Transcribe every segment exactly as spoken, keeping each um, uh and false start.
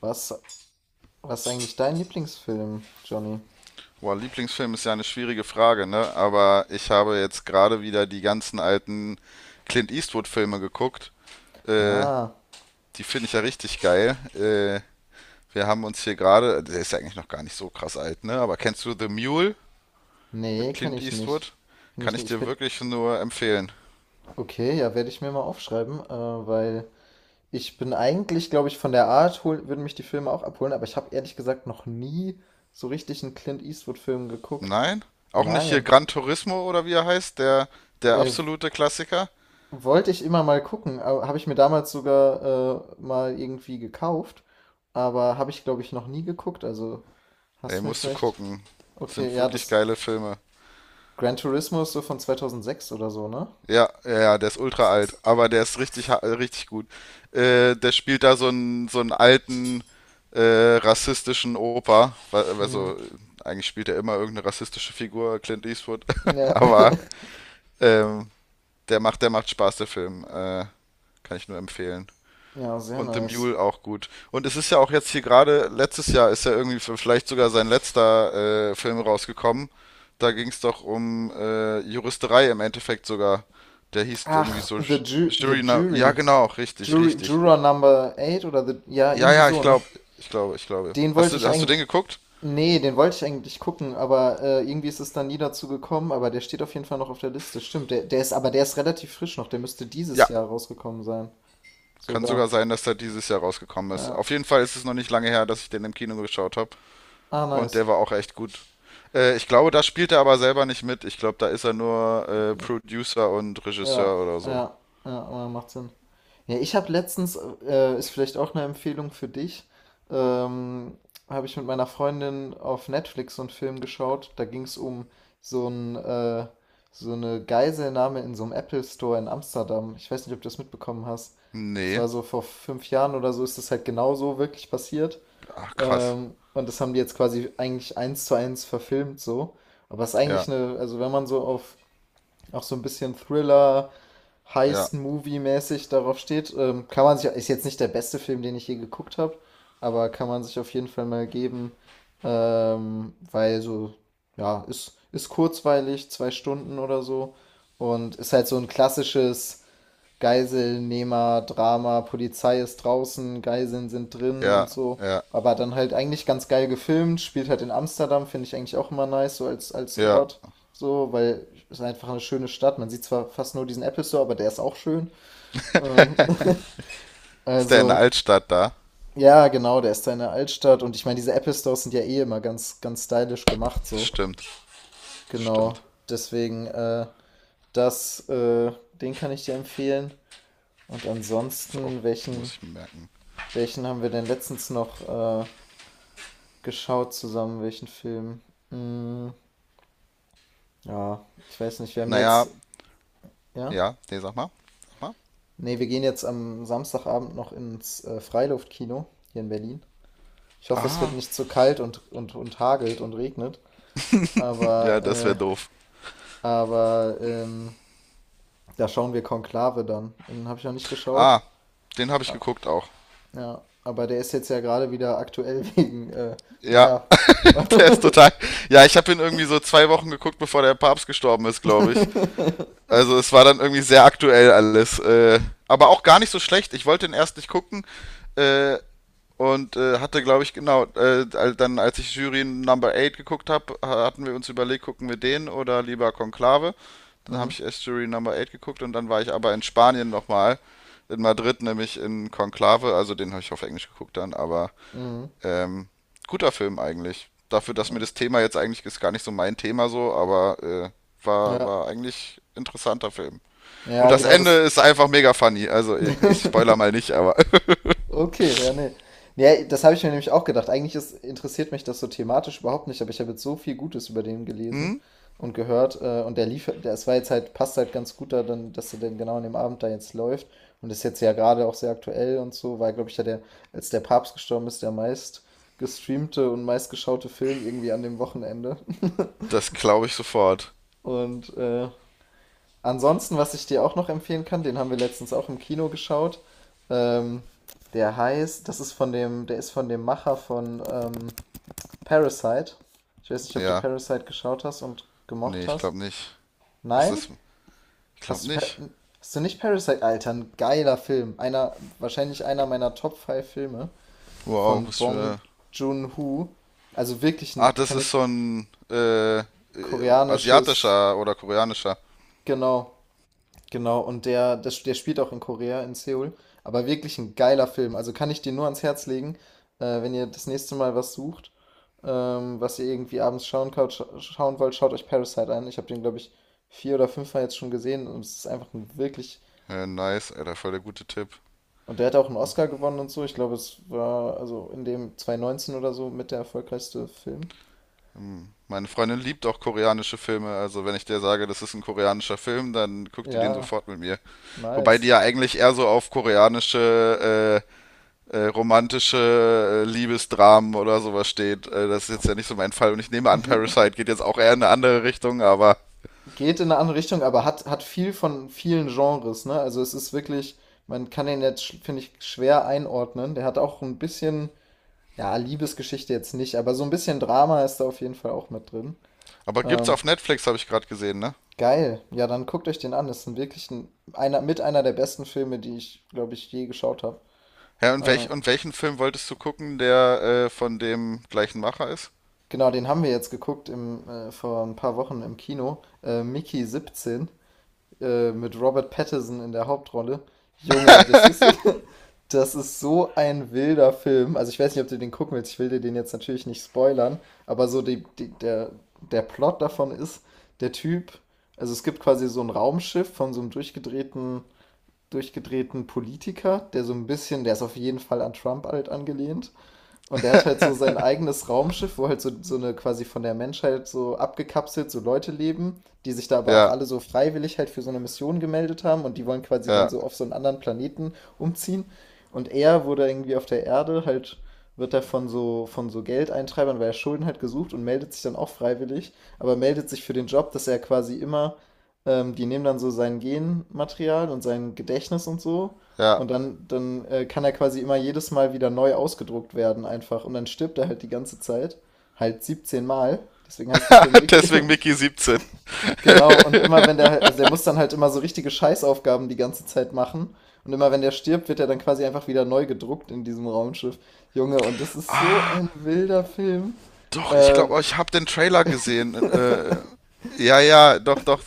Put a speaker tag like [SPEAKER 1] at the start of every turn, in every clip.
[SPEAKER 1] Was, was ist eigentlich dein Lieblingsfilm, Johnny?
[SPEAKER 2] Boah, Lieblingsfilm ist ja eine schwierige Frage, ne? Aber ich habe jetzt gerade wieder die ganzen alten Clint Eastwood-Filme geguckt. Äh,
[SPEAKER 1] Ah,
[SPEAKER 2] Die finde ich ja richtig geil. Äh, wir haben uns hier gerade, der ist ja eigentlich noch gar nicht so krass alt, ne? Aber kennst du The Mule
[SPEAKER 1] nee,
[SPEAKER 2] mit
[SPEAKER 1] kenne
[SPEAKER 2] Clint
[SPEAKER 1] ich nicht.
[SPEAKER 2] Eastwood?
[SPEAKER 1] Kenne
[SPEAKER 2] Kann
[SPEAKER 1] ich
[SPEAKER 2] ich
[SPEAKER 1] nicht. Ich
[SPEAKER 2] dir
[SPEAKER 1] bin.
[SPEAKER 2] wirklich nur empfehlen.
[SPEAKER 1] Okay, ja, werde ich mir mal aufschreiben, äh, weil ich bin eigentlich, glaube ich, von der Art hol, würden mich die Filme auch abholen, aber ich habe ehrlich gesagt noch nie so richtig einen Clint Eastwood-Film geguckt.
[SPEAKER 2] Nein? Auch nicht hier
[SPEAKER 1] Nein.
[SPEAKER 2] Gran Turismo oder wie er heißt, der, der
[SPEAKER 1] Äh,
[SPEAKER 2] absolute Klassiker?
[SPEAKER 1] Wollte ich immer mal gucken, habe ich mir damals sogar äh, mal irgendwie gekauft, aber habe ich, glaube ich, noch nie geguckt. Also
[SPEAKER 2] Ey,
[SPEAKER 1] hast du mir
[SPEAKER 2] musst du
[SPEAKER 1] vielleicht.
[SPEAKER 2] gucken.
[SPEAKER 1] Okay,
[SPEAKER 2] Sind
[SPEAKER 1] ja,
[SPEAKER 2] wirklich
[SPEAKER 1] das.
[SPEAKER 2] geile Filme.
[SPEAKER 1] Gran Turismo ist so von zweitausendsechs oder so, ne?
[SPEAKER 2] Ja, ja, ja, der ist ultra alt, aber der ist richtig, ha- äh, richtig gut. Äh, der spielt da so einen, so einen alten äh, rassistischen Opa. Wa-
[SPEAKER 1] Hm.
[SPEAKER 2] Also, äh, eigentlich spielt er immer irgendeine rassistische Figur, Clint Eastwood.
[SPEAKER 1] Ja.
[SPEAKER 2] Aber ähm, der macht, der macht Spaß, der Film. Äh, kann ich nur empfehlen.
[SPEAKER 1] Ja, sehr
[SPEAKER 2] Und The
[SPEAKER 1] nice.
[SPEAKER 2] Mule auch gut. Und es ist ja auch jetzt hier gerade, letztes Jahr ist ja irgendwie für- vielleicht sogar sein letzter äh, Film rausgekommen. Da ging es doch um äh, Juristerei im Endeffekt sogar. Der hieß irgendwie
[SPEAKER 1] Ach,
[SPEAKER 2] so
[SPEAKER 1] The,
[SPEAKER 2] J-
[SPEAKER 1] Ju The
[SPEAKER 2] Jury Now. Ja,
[SPEAKER 1] Jury.
[SPEAKER 2] genau, richtig,
[SPEAKER 1] Jury.
[SPEAKER 2] richtig.
[SPEAKER 1] Juror Number acht oder the, ja,
[SPEAKER 2] Ja,
[SPEAKER 1] irgendwie
[SPEAKER 2] ja, ich
[SPEAKER 1] so, ne?
[SPEAKER 2] glaube, ich glaube, ich glaube.
[SPEAKER 1] Den
[SPEAKER 2] Hast
[SPEAKER 1] wollte
[SPEAKER 2] du,
[SPEAKER 1] ich
[SPEAKER 2] hast du den
[SPEAKER 1] eigentlich.
[SPEAKER 2] geguckt?
[SPEAKER 1] Nee, den wollte ich eigentlich gucken, aber äh, irgendwie ist es dann nie dazu gekommen, aber der steht auf jeden Fall noch auf der Liste. Stimmt, der, der ist, aber der ist relativ frisch noch, der müsste dieses
[SPEAKER 2] Ja,
[SPEAKER 1] Jahr rausgekommen sein.
[SPEAKER 2] kann sogar
[SPEAKER 1] Sogar.
[SPEAKER 2] sein, dass der dieses Jahr rausgekommen ist.
[SPEAKER 1] Ja.
[SPEAKER 2] Auf jeden Fall ist es noch nicht lange her, dass ich den im Kino geschaut habe.
[SPEAKER 1] Ah,
[SPEAKER 2] Und
[SPEAKER 1] nice.
[SPEAKER 2] der war auch echt gut. Äh, ich glaube, da spielt er aber selber nicht mit. Ich glaube, da ist er nur äh, Producer und
[SPEAKER 1] Ja,
[SPEAKER 2] Regisseur oder so.
[SPEAKER 1] ja, ja, aber macht Sinn. Ja, ich habe letztens, äh, ist vielleicht auch eine Empfehlung für dich, ähm, habe ich mit meiner Freundin auf Netflix so einen Film geschaut. Da ging es um so ein, äh, so eine Geiselnahme in so einem Apple Store in Amsterdam. Ich weiß nicht, ob du das mitbekommen hast. Das
[SPEAKER 2] Nee.
[SPEAKER 1] war so vor fünf Jahren oder so, ist das halt genau so wirklich passiert.
[SPEAKER 2] Ach, krass.
[SPEAKER 1] Ähm, und das haben die jetzt quasi eigentlich eins zu eins verfilmt so. Aber es ist
[SPEAKER 2] Ja,
[SPEAKER 1] eigentlich eine, also wenn man so auf auch so ein bisschen Thriller,
[SPEAKER 2] ja,
[SPEAKER 1] Heist-Movie-mäßig darauf steht. Ähm, kann man sich, ist jetzt nicht der beste Film, den ich je geguckt habe, aber kann man sich auf jeden Fall mal geben, ähm, weil so, ja, ist, ist kurzweilig, zwei Stunden oder so und ist halt so ein klassisches Geiselnehmer, Drama, Polizei ist draußen, Geiseln sind drin und
[SPEAKER 2] ja,
[SPEAKER 1] so.
[SPEAKER 2] ja,
[SPEAKER 1] Aber dann halt eigentlich ganz geil gefilmt, spielt halt in Amsterdam, finde ich eigentlich auch immer nice, so als, als
[SPEAKER 2] ja.
[SPEAKER 1] Ort. So, weil es ist einfach eine schöne Stadt. Man sieht zwar fast nur diesen Apple Store, aber der ist auch schön. Ähm,
[SPEAKER 2] Ist der in der
[SPEAKER 1] also,
[SPEAKER 2] Altstadt da?
[SPEAKER 1] ja, genau, der ist da in der Altstadt. Und ich meine, diese Apple Stores sind ja eh immer ganz, ganz stylisch gemacht,
[SPEAKER 2] Das
[SPEAKER 1] so.
[SPEAKER 2] stimmt. Das stimmt.
[SPEAKER 1] Genau. Deswegen, äh, das, äh, den kann ich dir empfehlen. Und
[SPEAKER 2] Ist auch
[SPEAKER 1] ansonsten,
[SPEAKER 2] gut,
[SPEAKER 1] welchen,
[SPEAKER 2] muss ich mir merken.
[SPEAKER 1] Welchen haben wir denn letztens noch äh, geschaut zusammen? Welchen Film? Mm, ja, ich weiß nicht. Wir haben
[SPEAKER 2] Naja,
[SPEAKER 1] jetzt,
[SPEAKER 2] ja,
[SPEAKER 1] ja?
[SPEAKER 2] Ja. Nee, sag mal. Sag mal.
[SPEAKER 1] Nee, wir gehen jetzt am Samstagabend noch ins äh, Freiluftkino hier in Berlin. Ich hoffe, es wird nicht zu kalt und, und, und hagelt und regnet.
[SPEAKER 2] Ja,
[SPEAKER 1] Aber,
[SPEAKER 2] das wäre
[SPEAKER 1] äh,
[SPEAKER 2] doof.
[SPEAKER 1] aber ähm, da schauen wir Konklave dann. Den habe ich noch nicht geschaut.
[SPEAKER 2] Ah, den habe ich
[SPEAKER 1] Ah,
[SPEAKER 2] geguckt auch.
[SPEAKER 1] ja, aber der ist jetzt ja gerade wieder aktuell wegen, äh,
[SPEAKER 2] Ja,
[SPEAKER 1] naja.
[SPEAKER 2] der ist total. Ja, ich habe ihn irgendwie so zwei Wochen geguckt, bevor der Papst gestorben ist, glaube ich. Also es war dann irgendwie sehr aktuell alles. Äh, aber auch gar nicht so schlecht. Ich wollte den erst nicht gucken äh, und äh, hatte, glaube ich, genau, äh, dann als ich Jury Number Eight geguckt habe, hatten wir uns überlegt, gucken wir den oder lieber Konklave. Dann
[SPEAKER 1] Hm,
[SPEAKER 2] habe ich erst Jury Number Eight geguckt und dann war ich aber in Spanien nochmal. In Madrid, nämlich in Konklave. Also den habe ich auf Englisch geguckt dann, aber
[SPEAKER 1] mhm.
[SPEAKER 2] ähm, guter Film eigentlich. Dafür, dass mir das Thema jetzt eigentlich ist gar nicht so mein Thema so, aber äh, war,
[SPEAKER 1] Ja,
[SPEAKER 2] war eigentlich interessanter Film. Und
[SPEAKER 1] ja,
[SPEAKER 2] das
[SPEAKER 1] genau
[SPEAKER 2] Ende
[SPEAKER 1] das.
[SPEAKER 2] ist einfach mega funny. Also, ich spoiler mal nicht, aber.
[SPEAKER 1] Okay, ja, nee. Ja, das habe ich mir nämlich auch gedacht. Eigentlich ist, interessiert mich das so thematisch überhaupt nicht, aber ich habe jetzt so viel Gutes über den gelesen
[SPEAKER 2] Hm?
[SPEAKER 1] und gehört. Äh, und der lief, der, es war jetzt halt, passt halt ganz gut da, dann, dass der denn genau an dem Abend da jetzt läuft. Und ist jetzt ja gerade auch sehr aktuell und so, weil, glaube ich, ja der, als der Papst gestorben ist, der meist gestreamte und meist geschaute Film irgendwie an dem Wochenende.
[SPEAKER 2] Das glaube ich sofort.
[SPEAKER 1] Und äh, Ansonsten, was ich dir auch noch empfehlen kann, den haben wir letztens auch im Kino geschaut. Ähm, der heißt, das ist von dem, der ist von dem Macher von ähm, Parasite. Ich weiß nicht, ob du
[SPEAKER 2] Ja.
[SPEAKER 1] Parasite geschaut hast und
[SPEAKER 2] Nee,
[SPEAKER 1] gemocht
[SPEAKER 2] ich
[SPEAKER 1] hast.
[SPEAKER 2] glaube nicht. Was
[SPEAKER 1] Nein?
[SPEAKER 2] ist. Ich glaube
[SPEAKER 1] Hast du, Pa-
[SPEAKER 2] nicht.
[SPEAKER 1] hast du nicht Parasite? Alter, ein geiler Film. Einer, wahrscheinlich einer meiner Top fünf Filme
[SPEAKER 2] Wow,
[SPEAKER 1] von
[SPEAKER 2] muss ich
[SPEAKER 1] Bong
[SPEAKER 2] mir.
[SPEAKER 1] Joon-ho. Also wirklich
[SPEAKER 2] Ach,
[SPEAKER 1] ein,
[SPEAKER 2] das
[SPEAKER 1] kann
[SPEAKER 2] ist
[SPEAKER 1] ich
[SPEAKER 2] so ein. Äh,
[SPEAKER 1] koreanisches,
[SPEAKER 2] asiatischer oder koreanischer.
[SPEAKER 1] genau. Genau, und der, der, der spielt auch in Korea, in Seoul. Aber wirklich ein geiler Film. Also kann ich dir nur ans Herz legen, äh, wenn ihr das nächste Mal was sucht, ähm, was ihr irgendwie abends schauen, kaut, scha- schauen wollt, schaut euch Parasite an. Ich habe den, glaube ich, vier oder fünf mal jetzt schon gesehen und es ist einfach ein wirklich.
[SPEAKER 2] Äh, nice, Alter, voll der gute Tipp.
[SPEAKER 1] Und der hat auch einen Oscar gewonnen und so. Ich glaube, es war also in dem zwanzig neunzehn oder so mit der erfolgreichste Film.
[SPEAKER 2] Hm. Meine Freundin liebt auch koreanische Filme, also wenn ich dir sage, das ist ein koreanischer Film, dann guckt die den
[SPEAKER 1] Ja,
[SPEAKER 2] sofort mit mir. Wobei die
[SPEAKER 1] nice.
[SPEAKER 2] ja eigentlich eher so auf koreanische Äh, äh, romantische äh, Liebesdramen oder sowas steht. Äh, das ist jetzt ja nicht so mein Fall. Und ich nehme an, Parasite geht jetzt auch eher in eine andere Richtung, aber,
[SPEAKER 1] Geht in eine andere Richtung, aber hat, hat viel von vielen Genres, ne? Also es ist wirklich, man kann den jetzt, sch- finde ich, schwer einordnen. Der hat auch ein bisschen, ja, Liebesgeschichte jetzt nicht, aber so ein bisschen Drama ist da auf jeden Fall auch mit drin.
[SPEAKER 2] aber gibt's
[SPEAKER 1] Ähm,
[SPEAKER 2] auf Netflix, habe ich gerade gesehen, ne?
[SPEAKER 1] geil. Ja, dann guckt euch den an. Das ist wirklich ein, einer, mit einer der besten Filme, die ich, glaube ich, je geschaut habe.
[SPEAKER 2] Ja, und,
[SPEAKER 1] Äh,
[SPEAKER 2] welch, und welchen Film wolltest du gucken, der äh, von dem gleichen Macher ist?
[SPEAKER 1] genau, den haben wir jetzt geguckt im, äh, vor ein paar Wochen im Kino. Äh, Mickey siebzehn äh, mit Robert Pattinson in der Hauptrolle. Junge, das ist, das ist so ein wilder Film. Also ich weiß nicht, ob du den gucken willst. Ich will dir den jetzt natürlich nicht spoilern, aber so die, die, der, der Plot davon ist, der Typ, also es gibt quasi so ein Raumschiff von so einem durchgedrehten, durchgedrehten Politiker, der so ein bisschen, der ist auf jeden Fall an Trump halt angelehnt. Und er hat halt so sein eigenes Raumschiff, wo halt so, so eine quasi von der Menschheit so abgekapselt so Leute leben, die sich da aber auch
[SPEAKER 2] Ja,
[SPEAKER 1] alle so freiwillig halt für so eine Mission gemeldet haben und die wollen quasi dann
[SPEAKER 2] ja,
[SPEAKER 1] so auf so einen anderen Planeten umziehen. Und er wurde irgendwie auf der Erde halt, wird er von so, von so Geldeintreibern, weil er Schulden halt gesucht und meldet sich dann auch freiwillig, aber meldet sich für den Job, dass er quasi immer, ähm, die nehmen dann so sein Genmaterial und sein Gedächtnis und so und
[SPEAKER 2] ja.
[SPEAKER 1] dann dann, äh, kann er quasi immer jedes Mal wieder neu ausgedruckt werden einfach und dann stirbt er halt die ganze Zeit, halt siebzehn Mal. Deswegen heißt der Film Mickey.
[SPEAKER 2] Deswegen Mickey siebzehn.
[SPEAKER 1] Genau, und immer wenn der halt also der muss dann halt immer so richtige Scheißaufgaben die ganze Zeit machen und immer wenn der stirbt, wird er dann quasi einfach wieder neu gedruckt in diesem Raumschiff. Junge, und das ist so ein wilder Film.
[SPEAKER 2] Doch, ich
[SPEAKER 1] Ähm,
[SPEAKER 2] glaube, ich habe den Trailer gesehen. Äh, ja, ja, doch, doch.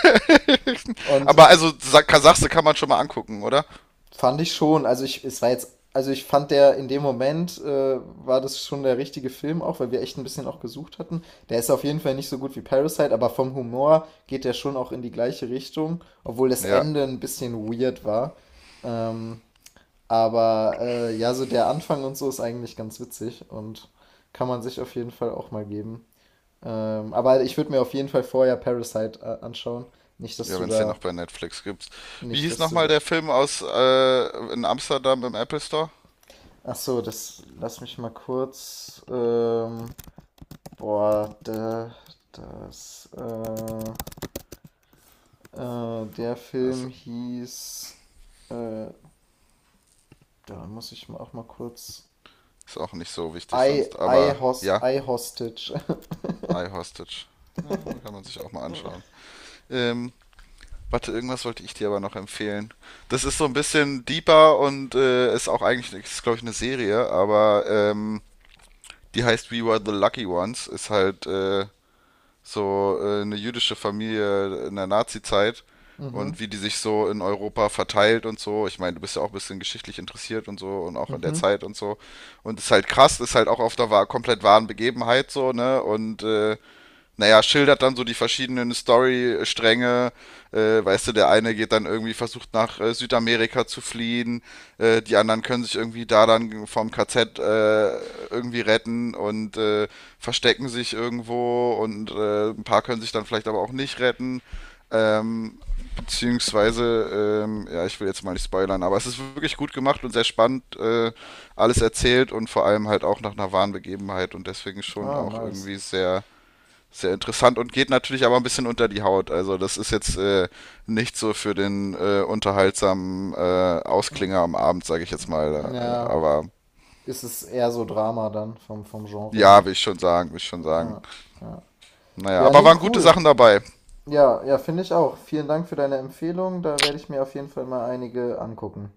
[SPEAKER 1] und
[SPEAKER 2] Aber also Sa- Kasachse kann man schon mal angucken, oder?
[SPEAKER 1] Fand ich schon. Also ich, es war jetzt, also ich fand der in dem Moment äh, war das schon der richtige Film auch, weil wir echt ein bisschen auch gesucht hatten. Der ist auf jeden Fall nicht so gut wie Parasite, aber vom Humor geht der schon auch in die gleiche Richtung, obwohl das
[SPEAKER 2] Ja.
[SPEAKER 1] Ende ein bisschen weird war. Ähm, aber äh, ja, so der Anfang und so ist eigentlich ganz witzig und kann man sich auf jeden Fall auch mal geben. Ähm, aber ich würde mir auf jeden Fall vorher Parasite äh, anschauen. Nicht, dass
[SPEAKER 2] Ja,
[SPEAKER 1] du
[SPEAKER 2] wenn es den noch
[SPEAKER 1] da,
[SPEAKER 2] bei Netflix gibt. Wie
[SPEAKER 1] nicht,
[SPEAKER 2] hieß
[SPEAKER 1] dass du
[SPEAKER 2] nochmal
[SPEAKER 1] da.
[SPEAKER 2] der Film aus äh, in Amsterdam im Apple Store?
[SPEAKER 1] Ach so, das lass mich mal kurz. Ähm, boah, der, das, äh, äh, der Film
[SPEAKER 2] Also,
[SPEAKER 1] hieß, äh, da muss ich mal auch mal kurz.
[SPEAKER 2] ist auch nicht so wichtig
[SPEAKER 1] I,
[SPEAKER 2] sonst.
[SPEAKER 1] I,
[SPEAKER 2] Aber
[SPEAKER 1] Host,
[SPEAKER 2] ja,
[SPEAKER 1] I Hostage.
[SPEAKER 2] I Hostage. Ja, kann man sich auch mal anschauen. Ähm, Warte, irgendwas wollte ich dir aber noch empfehlen. Das ist so ein bisschen deeper und äh, ist auch eigentlich, ist glaube ich, eine Serie, aber ähm, die heißt We Were the Lucky Ones. Ist halt äh, so äh, eine jüdische Familie in der Nazi-Zeit
[SPEAKER 1] Mhm,
[SPEAKER 2] und wie die sich so in Europa verteilt und so. Ich meine, du bist ja auch ein bisschen geschichtlich interessiert und so und auch in der
[SPEAKER 1] mhm.
[SPEAKER 2] Zeit und so. Und ist halt krass, ist halt auch auf der wa- komplett wahren Begebenheit so, ne? Und äh, naja, schildert dann so die verschiedenen Story-Stränge. Äh, weißt du, der eine geht dann irgendwie, versucht nach äh, Südamerika zu fliehen, äh, die anderen können sich irgendwie da dann vom K Z äh, irgendwie retten und äh, verstecken sich irgendwo und äh, ein paar können sich dann vielleicht aber auch nicht retten. Ähm, beziehungsweise, ähm, ja, ich will jetzt mal nicht spoilern, aber es ist wirklich gut gemacht und sehr spannend äh, alles erzählt und vor allem halt auch nach einer wahren Begebenheit und deswegen schon
[SPEAKER 1] Ah,
[SPEAKER 2] auch
[SPEAKER 1] nice.
[SPEAKER 2] irgendwie sehr sehr interessant und geht natürlich aber ein bisschen unter die Haut. Also das ist jetzt äh, nicht so für den äh, unterhaltsamen äh,
[SPEAKER 1] Mm,
[SPEAKER 2] Ausklinger am Abend, sage ich jetzt mal. Äh,
[SPEAKER 1] Ja,
[SPEAKER 2] Aber
[SPEAKER 1] ist es eher so Drama dann vom, vom Genre
[SPEAKER 2] ja,
[SPEAKER 1] her.
[SPEAKER 2] will ich schon sagen, will ich schon sagen.
[SPEAKER 1] Ja, ja.
[SPEAKER 2] Naja,
[SPEAKER 1] Ja,
[SPEAKER 2] aber
[SPEAKER 1] nee,
[SPEAKER 2] waren gute
[SPEAKER 1] cool.
[SPEAKER 2] Sachen dabei.
[SPEAKER 1] Ja, ja, finde ich auch. Vielen Dank für deine Empfehlung. Da werde ich mir auf jeden Fall mal einige angucken.